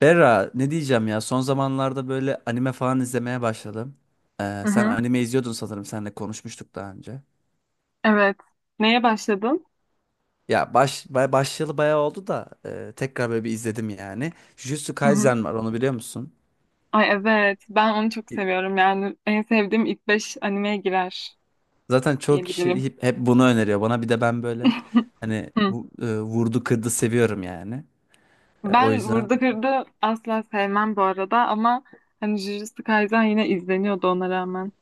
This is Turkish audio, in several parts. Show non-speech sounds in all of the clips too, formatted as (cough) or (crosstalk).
Berra ne diyeceğim ya, son zamanlarda böyle anime falan izlemeye başladım. Hı Sen hı. anime izliyordun sanırım, seninle konuşmuştuk daha önce. Evet. Neye başladın? Başlayalı bayağı oldu da tekrar böyle bir izledim yani. Jujutsu Hı hı. Kaisen var, onu biliyor musun? Ay evet. Ben onu çok E, seviyorum. Yani en sevdiğim ilk 5 animeye girer Zaten çok kişi diyebilirim. hep bunu öneriyor bana, bir de ben böyle (laughs) hani Hı. Vurdu kırdı seviyorum yani. O Ben yüzden Vurdu Kırdı asla sevmem bu arada ama hani Jujutsu Kaisen yine izleniyordu ona rağmen.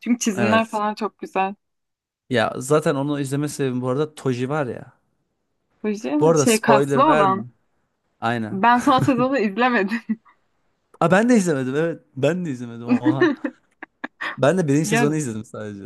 Çünkü çizimler evet. falan çok güzel. Ya zaten onu izleme sebebim bu arada, Toji var ya. Fuji Bu şey arada şey, kaslı spoiler verme. olan. Aynen. Ben son sezonu izlemedim. Aa, ben de izlemedim evet. Ben de izlemedim, oha. (laughs) Ben de birinci Ya, sezonu izledim sadece.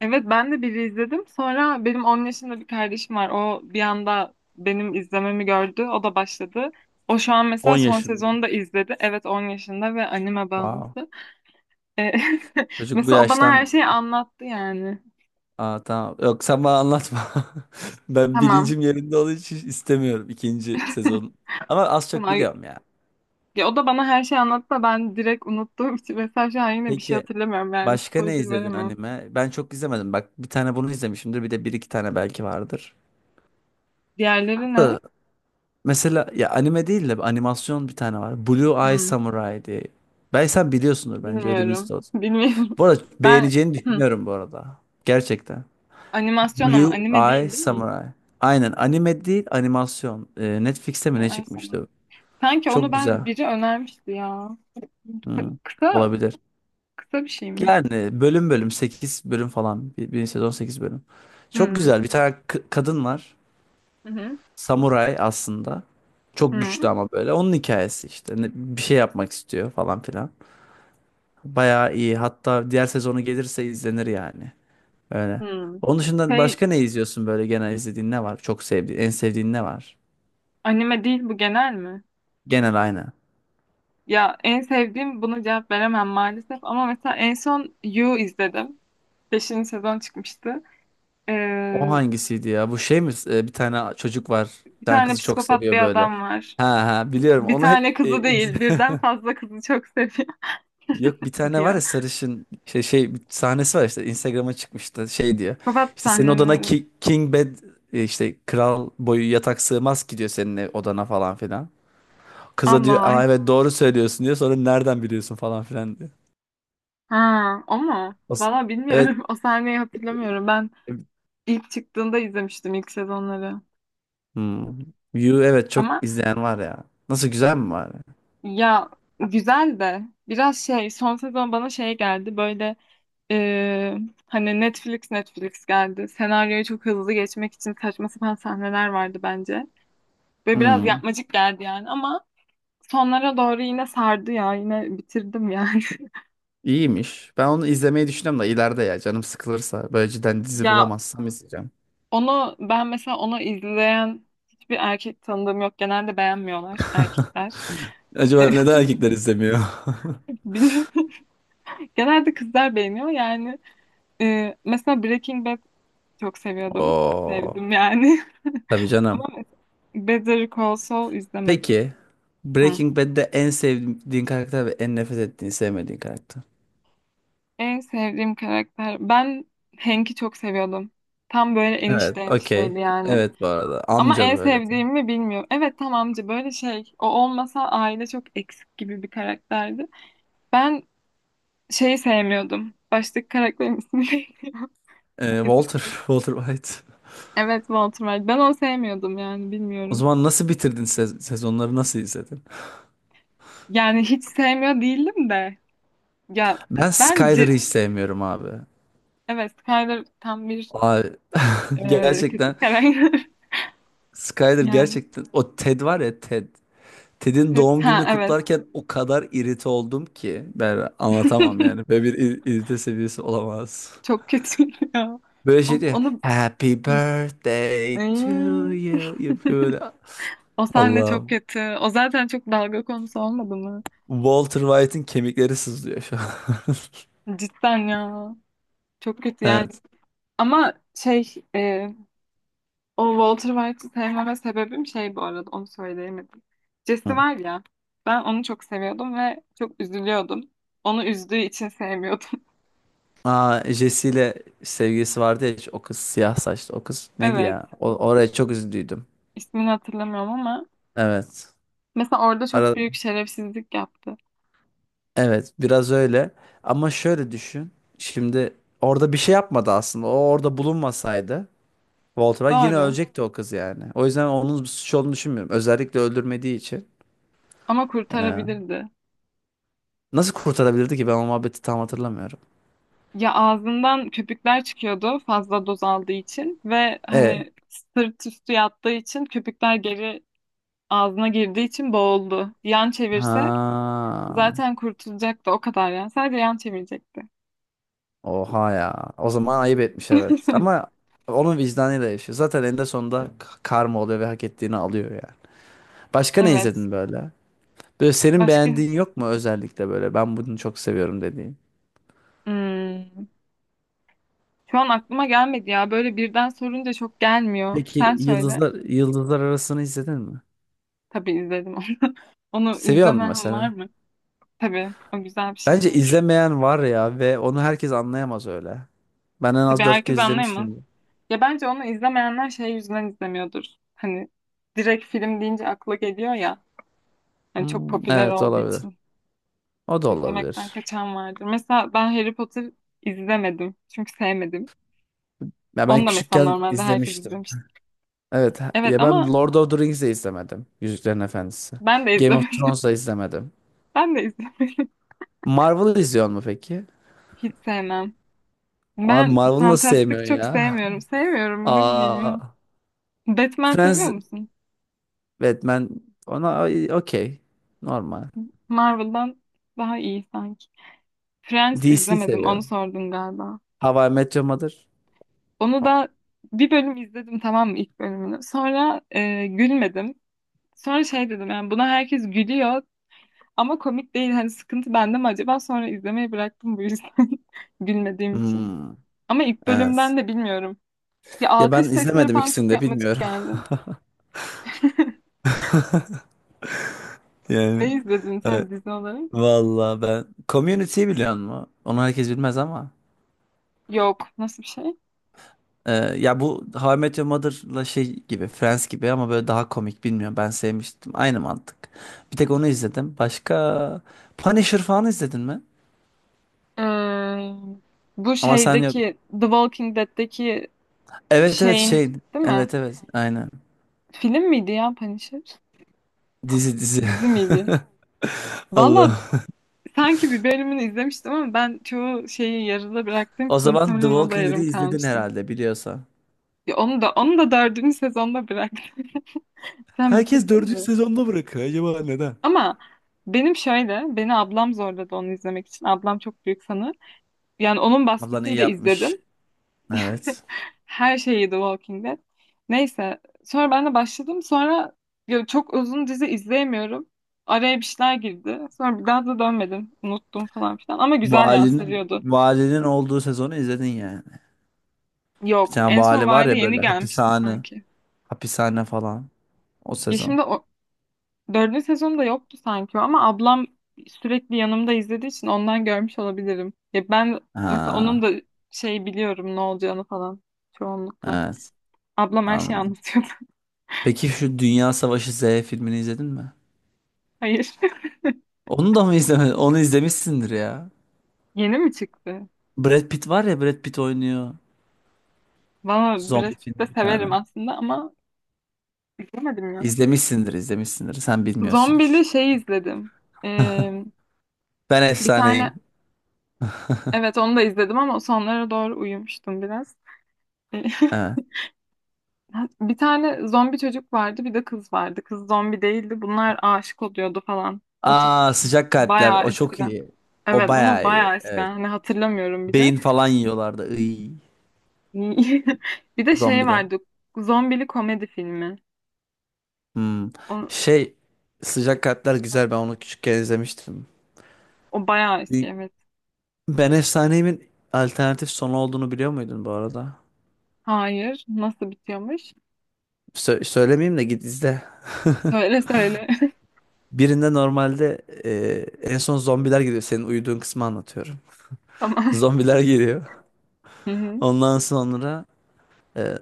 evet, ben de biri izledim. Sonra benim 10 yaşında bir kardeşim var. O bir anda benim izlememi gördü. O da başladı. O şu an 10 mesela son yaşında. sezonu da izledi. Evet, 10 yaşında ve anime Wow. bağımlısı. E, (laughs) Çocuk bu Mesela o bana her yaştan... şeyi anlattı yani. Aa, tamam. Yok, sen bana anlatma. (laughs) Ben Tamam. bilincim yerinde olduğu için istemiyorum ikinci (laughs) sezon. Ama az çok Tamam. biliyorum ya. Ya o da bana her şeyi anlattı da ben direkt unuttuğum için mesela şu an yine bir şey Peki hatırlamıyorum. Yani başka ne spoiler izledin veremem. anime? Ben çok izlemedim. Bak, bir tane bunu izlemişimdir. Bir de bir iki tane belki vardır. Diğerleri ne? Da Mesela ya anime değil de animasyon bir tane var. Blue Eye Hmm, Samurai diye. Ben sen biliyorsundur bence, öyle bir bilmiyorum. istaroz. (laughs) Bilmiyorum. Bu arada Ben beğeneceğini hmm, düşünüyorum bu arada. Gerçekten. animasyon ama Blue anime Eye değil, değil mi? Samurai. Aynen, anime değil, animasyon. Netflix'te mi Yo, ne ay sana. çıkmıştı? Sanki onu Çok güzel. ben biri önermişti ya. Hı, Kısa olabilir. kısa bir şey mi? Yani bölüm bölüm 8 bölüm falan. Bir sezon 8 bölüm. Çok Hmm. güzel bir tane kadın var. Hı hı. Samuray aslında. Çok güçlü Hı. ama böyle. Onun hikayesi işte. Bir şey yapmak istiyor falan filan. Bayağı iyi. Hatta diğer sezonu gelirse izlenir yani. Öyle. Hı. Onun dışında Şey, başka ne izliyorsun böyle, genel izlediğin ne var? Çok sevdiğin, en sevdiğin ne var? anime değil bu, genel mi? Genel aynı. Ya, en sevdiğim buna cevap veremem maalesef ama mesela en son You izledim. Beşinci sezon çıkmıştı. O Ee, hangisiydi ya? Bu şey mi? Bir tane çocuk var. Bir bir tane tane kızı çok psikopat bir seviyor böyle. adam var. Ha ha, biliyorum. Bir Onu tane hep kızı değil, (laughs) birden fazla kızı çok seviyor, (laughs) Yok, bir tane var diyor. ya sarışın, şey şey bir sahnesi var, işte Instagram'a çıkmıştı, şey diyor. Psikopat İşte senin odana sahneleri. ki, king bed, işte kral boyu yatak sığmaz ki diyor, senin odana falan filan. Kıza Allah diyor, Allah. Aa, evet doğru söylüyorsun diyor. Sonra nereden biliyorsun falan filan diyor. Ha, o mu? As- Valla Evet. bilmiyorum. (laughs) O sahneyi hatırlamıyorum. Ben İlk çıktığında izlemiştim ilk sezonları. Hmm. You, evet çok Ama izleyen var ya. Nasıl, güzel mi var? ya, güzel de biraz şey son sezon bana şey geldi böyle, e, hani Netflix geldi. Senaryoyu çok hızlı geçmek için saçma sapan sahneler vardı bence. Ve biraz Hmm. yapmacık geldi yani, ama sonlara doğru yine sardı ya, yine bitirdim yani. (laughs) İyiymiş. Ben onu izlemeyi düşünüyorum da, ileride ya canım sıkılırsa böyle cidden dizi Ya bulamazsam izleyeceğim. onu ben, mesela onu izleyen hiçbir erkek tanıdığım yok. Genelde beğenmiyorlar erkekler. (laughs) Acaba neden erkekler izlemiyor? Bilmiyorum. Genelde kızlar beğeniyor yani. Mesela Breaking Bad çok (laughs) seviyordum. Oo, Sevdim yani. tabii (laughs) Ama canım. mesela Better Call Saul izlemedim. Peki Ha. Breaking Bad'de en sevdiğin karakter ve en nefret ettiğin, sevmediğin karakter. En sevdiğim karakter. Ben Hank'i çok seviyordum. Tam böyle Evet, enişte enişteydi okey. yani. Evet bu arada Ama amca en böyle tam. sevdiğimi bilmiyorum. Evet, tam amca böyle şey. O olmasa aile çok eksik gibi bir karakterdi. Ben şeyi sevmiyordum. Baştaki karakterin ismi neydi? (laughs) İzin Walter, ver. (laughs) Walter White. Evet, Walter White. Ben onu sevmiyordum yani, O bilmiyorum. zaman nasıl bitirdin sezonları, nasıl izledin? Yani hiç sevmiyor değildim de. Ya Ben Skyler'ı bence, hiç sevmiyorum abi. evet, Skyler tam bir Abi (laughs) kötü gerçekten, karakter. (laughs) Skyler Yani gerçekten, o Ted var ya, Ted. Ted'in pet doğum ha gününü evet. kutlarken o kadar irite oldum ki ben anlatamam yani. (laughs) Böyle bir irite seviyesi olamaz. Çok kötü ya. Böyle şey O- diyor. Onu Happy Hı. birthday Ay, to you. Yapıyor böyle. o sahne çok Allah'ım. kötü. O zaten çok dalga konusu olmadı mı? Walter White'ın kemikleri sızlıyor şu an. (laughs) Cidden ya. Çok kötü yani. Evet. Ama şey, o Walter White'ı sevmeme sebebim şey, bu arada onu söyleyemedim. Jesse Hı. var ya, ben onu çok seviyordum ve çok üzülüyordum. Onu üzdüğü için sevmiyordum. (laughs) Aa, Jesse ile sevgilisi vardı ya, o kız, siyah saçlı o kız neydi Evet. ya? O, oraya çok üzüldüydüm. İsmini hatırlamıyorum ama Evet. mesela orada çok Ara, büyük şerefsizlik yaptı. evet, biraz öyle. Ama şöyle düşün. Şimdi orada bir şey yapmadı aslında. O orada bulunmasaydı Walter White yine Doğru. ölecekti o kız yani. O yüzden onun suç olduğunu düşünmüyorum. Özellikle öldürmediği için. Ama Ee, kurtarabilirdi. Nasıl kurtarabilirdi ki? Ben o muhabbeti tam hatırlamıyorum. Ya, ağzından köpükler çıkıyordu fazla doz aldığı için ve E. hani sırt üstü yattığı için köpükler geri ağzına girdiği için boğuldu. Yan çevirse Ha. zaten kurtulacaktı o kadar yani. Sadece yan çevirecekti. Oha ya. O zaman ayıp etmiş, evet. Ama (laughs) onun vicdanıyla yaşıyor. Zaten eninde sonunda karma oluyor ve hak ettiğini alıyor yani. Başka ne Evet. izledin böyle? Böyle senin Başka? beğendiğin yok mu özellikle böyle? Ben bunu çok seviyorum dediğin. Hmm. Şu an aklıma gelmedi ya. Böyle birden sorunca çok gelmiyor. Peki Sen söyle. Yıldızlar Arası'nı izledin mi? Tabii izledim onu. (laughs) Onu Seviyor musun izlemem var mesela? mı? Tabii, o güzel bir şey. Bence izlemeyen var ya, ve onu herkes anlayamaz öyle. Ben en Tabii az dört herkes kez anlayamaz. izlemişim. Ya, bence onu izlemeyenler şey yüzünden izlemiyordur. Hani direkt film deyince akla geliyor ya. Hani çok Hmm, popüler evet olduğu olabilir. için O da izlemekten olabilir. kaçan vardır. Mesela ben Harry Potter izlemedim. Çünkü sevmedim. Ya ben Onu da mesela küçükken normalde herkes izlemiştim. izlemiş. Evet Evet ya, ben ama Lord of the Rings'i izlemedim. Yüzüklerin Efendisi. ben de Game of izlemedim. (laughs) Thrones'da izlemedim. Ben de izlemedim. Marvel'ı izliyor mu peki? Hiç sevmem. Abi Ben Marvel'ı nasıl fantastik sevmiyorsun çok ya? sevmiyorum. (laughs) Sevmiyorum, ne bileyim Aa, ya. Batman seviyor Friends, musun? Batman, ona okey. Normal. Marvel'dan daha iyi sanki. Friends DC izlemedim. seviyor. Onu sordun galiba. How I Met Your Mother. Onu da bir bölüm izledim, tamam mı, ilk bölümünü. Sonra gülmedim. Sonra şey dedim yani, buna herkes gülüyor ama komik değil. Hani sıkıntı bende mi acaba? Sonra izlemeyi bıraktım bu yüzden. (laughs) Gülmediğim için. Hmm, Ama ilk bölümden evet. de bilmiyorum. Ya Ya ben alkış sesleri izlemedim falan ikisini çok de, yapmacık bilmiyorum. (laughs) geldi. (laughs) Yani Ne izledin evet. sen dizi olarak? Vallahi ben Community'yi biliyor musun? Onu herkes bilmez ama. Yok. Nasıl bir şey? Ya bu How I Met Your Mother'la şey gibi, Friends gibi ama böyle daha komik, bilmiyorum. Ben sevmiştim. Aynı mantık. Bir tek onu izledim. Başka Punisher falan izledin mi? Ee, bu Ama sen yok. şeydeki The Walking Dead'deki Evet evet şeyin şey. değil mi? Evet evet aynen. Film miydi ya Punisher? Dizi, dizi. Dizi (laughs) miydi? Valla Allah. sanki bir bölümünü izlemiştim ama ben çoğu şeyi yarıda bıraktığım O için zaman The muhtemelen o da Walking Dead'i yarım izledin kalmıştı. herhalde, biliyorsan. Ya onu da dördüncü sezonda bıraktım. (laughs) Sen Herkes bitirdin dördüncü mi? sezonda bırakıyor. Acaba neden? Ama benim şöyle, beni ablam zorladı onu izlemek için. Ablam çok büyük fanı. Yani onun Ablan iyi baskısıyla yapmış. izledim. Evet. Her şeyi The Walking Dead. Neyse. Sonra ben de başladım. Sonra ya çok uzun dizi izleyemiyorum. Araya bir şeyler girdi. Sonra bir daha da dönmedim. Unuttum falan filan. Ama güzel ya, Valinin sarıyordu. valinin olduğu sezonu izledin yani. Bir Yok. tane En son vali var Vali ya yeni böyle, gelmişti hapishane, sanki. hapishane falan, o Ya sezon. şimdi o dördüncü sezonda yoktu sanki o, ama ablam sürekli yanımda izlediği için ondan görmüş olabilirim. Ya ben mesela onun Ha, da şey biliyorum, ne olacağını falan çoğunlukla. evet, Ablam her şeyi anladım. anlatıyordu. Peki şu Dünya Savaşı Z filmini izledin mi? (laughs) Hayır. (laughs) Onu da mı izlemedin? Onu izlemişsindir ya. Yeni mi çıktı? Brad Pitt var ya, Brad Pitt oynuyor. Valla Brad Zombi Pitt de filmi bir tane. severim aslında ama izlemedim ya. İzlemişsindir, izlemişsindir. Sen bilmiyorsun Zombili hiç. şey izledim. Ee, Ben bir tane, efsaneyim. evet, onu da izledim ama sonlara doğru uyumuştum biraz. Ee, (laughs) Evet. Bir tane zombi çocuk vardı, bir de kız vardı. Kız zombi değildi. Bunlar aşık oluyordu falan. O tip bir Aa, şey. sıcak kalpler, Bayağı o çok eskiden. iyi. O Evet, onu bayağı iyi. bayağı eskiden. Evet. Hani hatırlamıyorum bile. Beyin falan yiyorlardı. Iy, (laughs) Bir de şey zombiler. vardı. Zombili komedi filmi. Hmm. O, Şey, sıcak kalpler güzel, ben onu küçükken izlemiştim. o bayağı eski, Bir- evet. Ben Efsaneyimin alternatif sonu olduğunu biliyor muydun bu arada? Hayır. Nasıl bitiyormuş? Söylemeyeyim de git izle. (laughs) Söyle söyle. Birinde normalde en son zombiler geliyor. Senin uyuduğun kısmı anlatıyorum. (laughs) (laughs) Tamam. Zombiler geliyor. Hı hı. Ondan sonra e,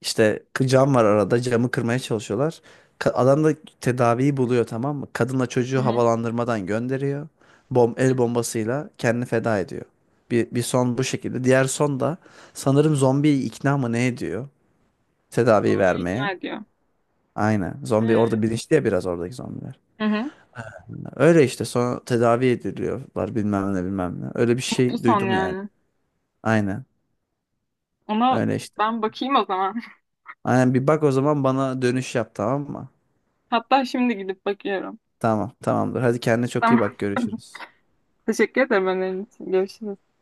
İşte cam var arada, camı kırmaya çalışıyorlar. Adam da tedaviyi buluyor tamam mı? Kadınla Hı çocuğu hı. havalandırmadan gönderiyor. Bom, Hı el hı. bombasıyla kendini feda ediyor. Bir son bu şekilde. Diğer son da sanırım zombiyi ikna mı ne ediyor? Tedaviyi Zombiyi ikna vermeye. ediyor. Aynen. Zombi Ee? orada bilinçli ya biraz, oradaki zombiler. Hı hı. Öyle işte, sonra tedavi ediliyorlar bilmem ne bilmem ne. Öyle bir Mutlu şey son duydum yani. yani. Aynen. Ona Öyle işte. ben bakayım o zaman. (laughs) Aynen, bir bak o zaman, bana dönüş yap tamam mı? Hatta şimdi gidip bakıyorum. Tamam, tamamdır. Hadi kendine çok iyi Tamam. bak. (laughs) Görüşürüz. Teşekkür ederim önerin için. Görüşürüz.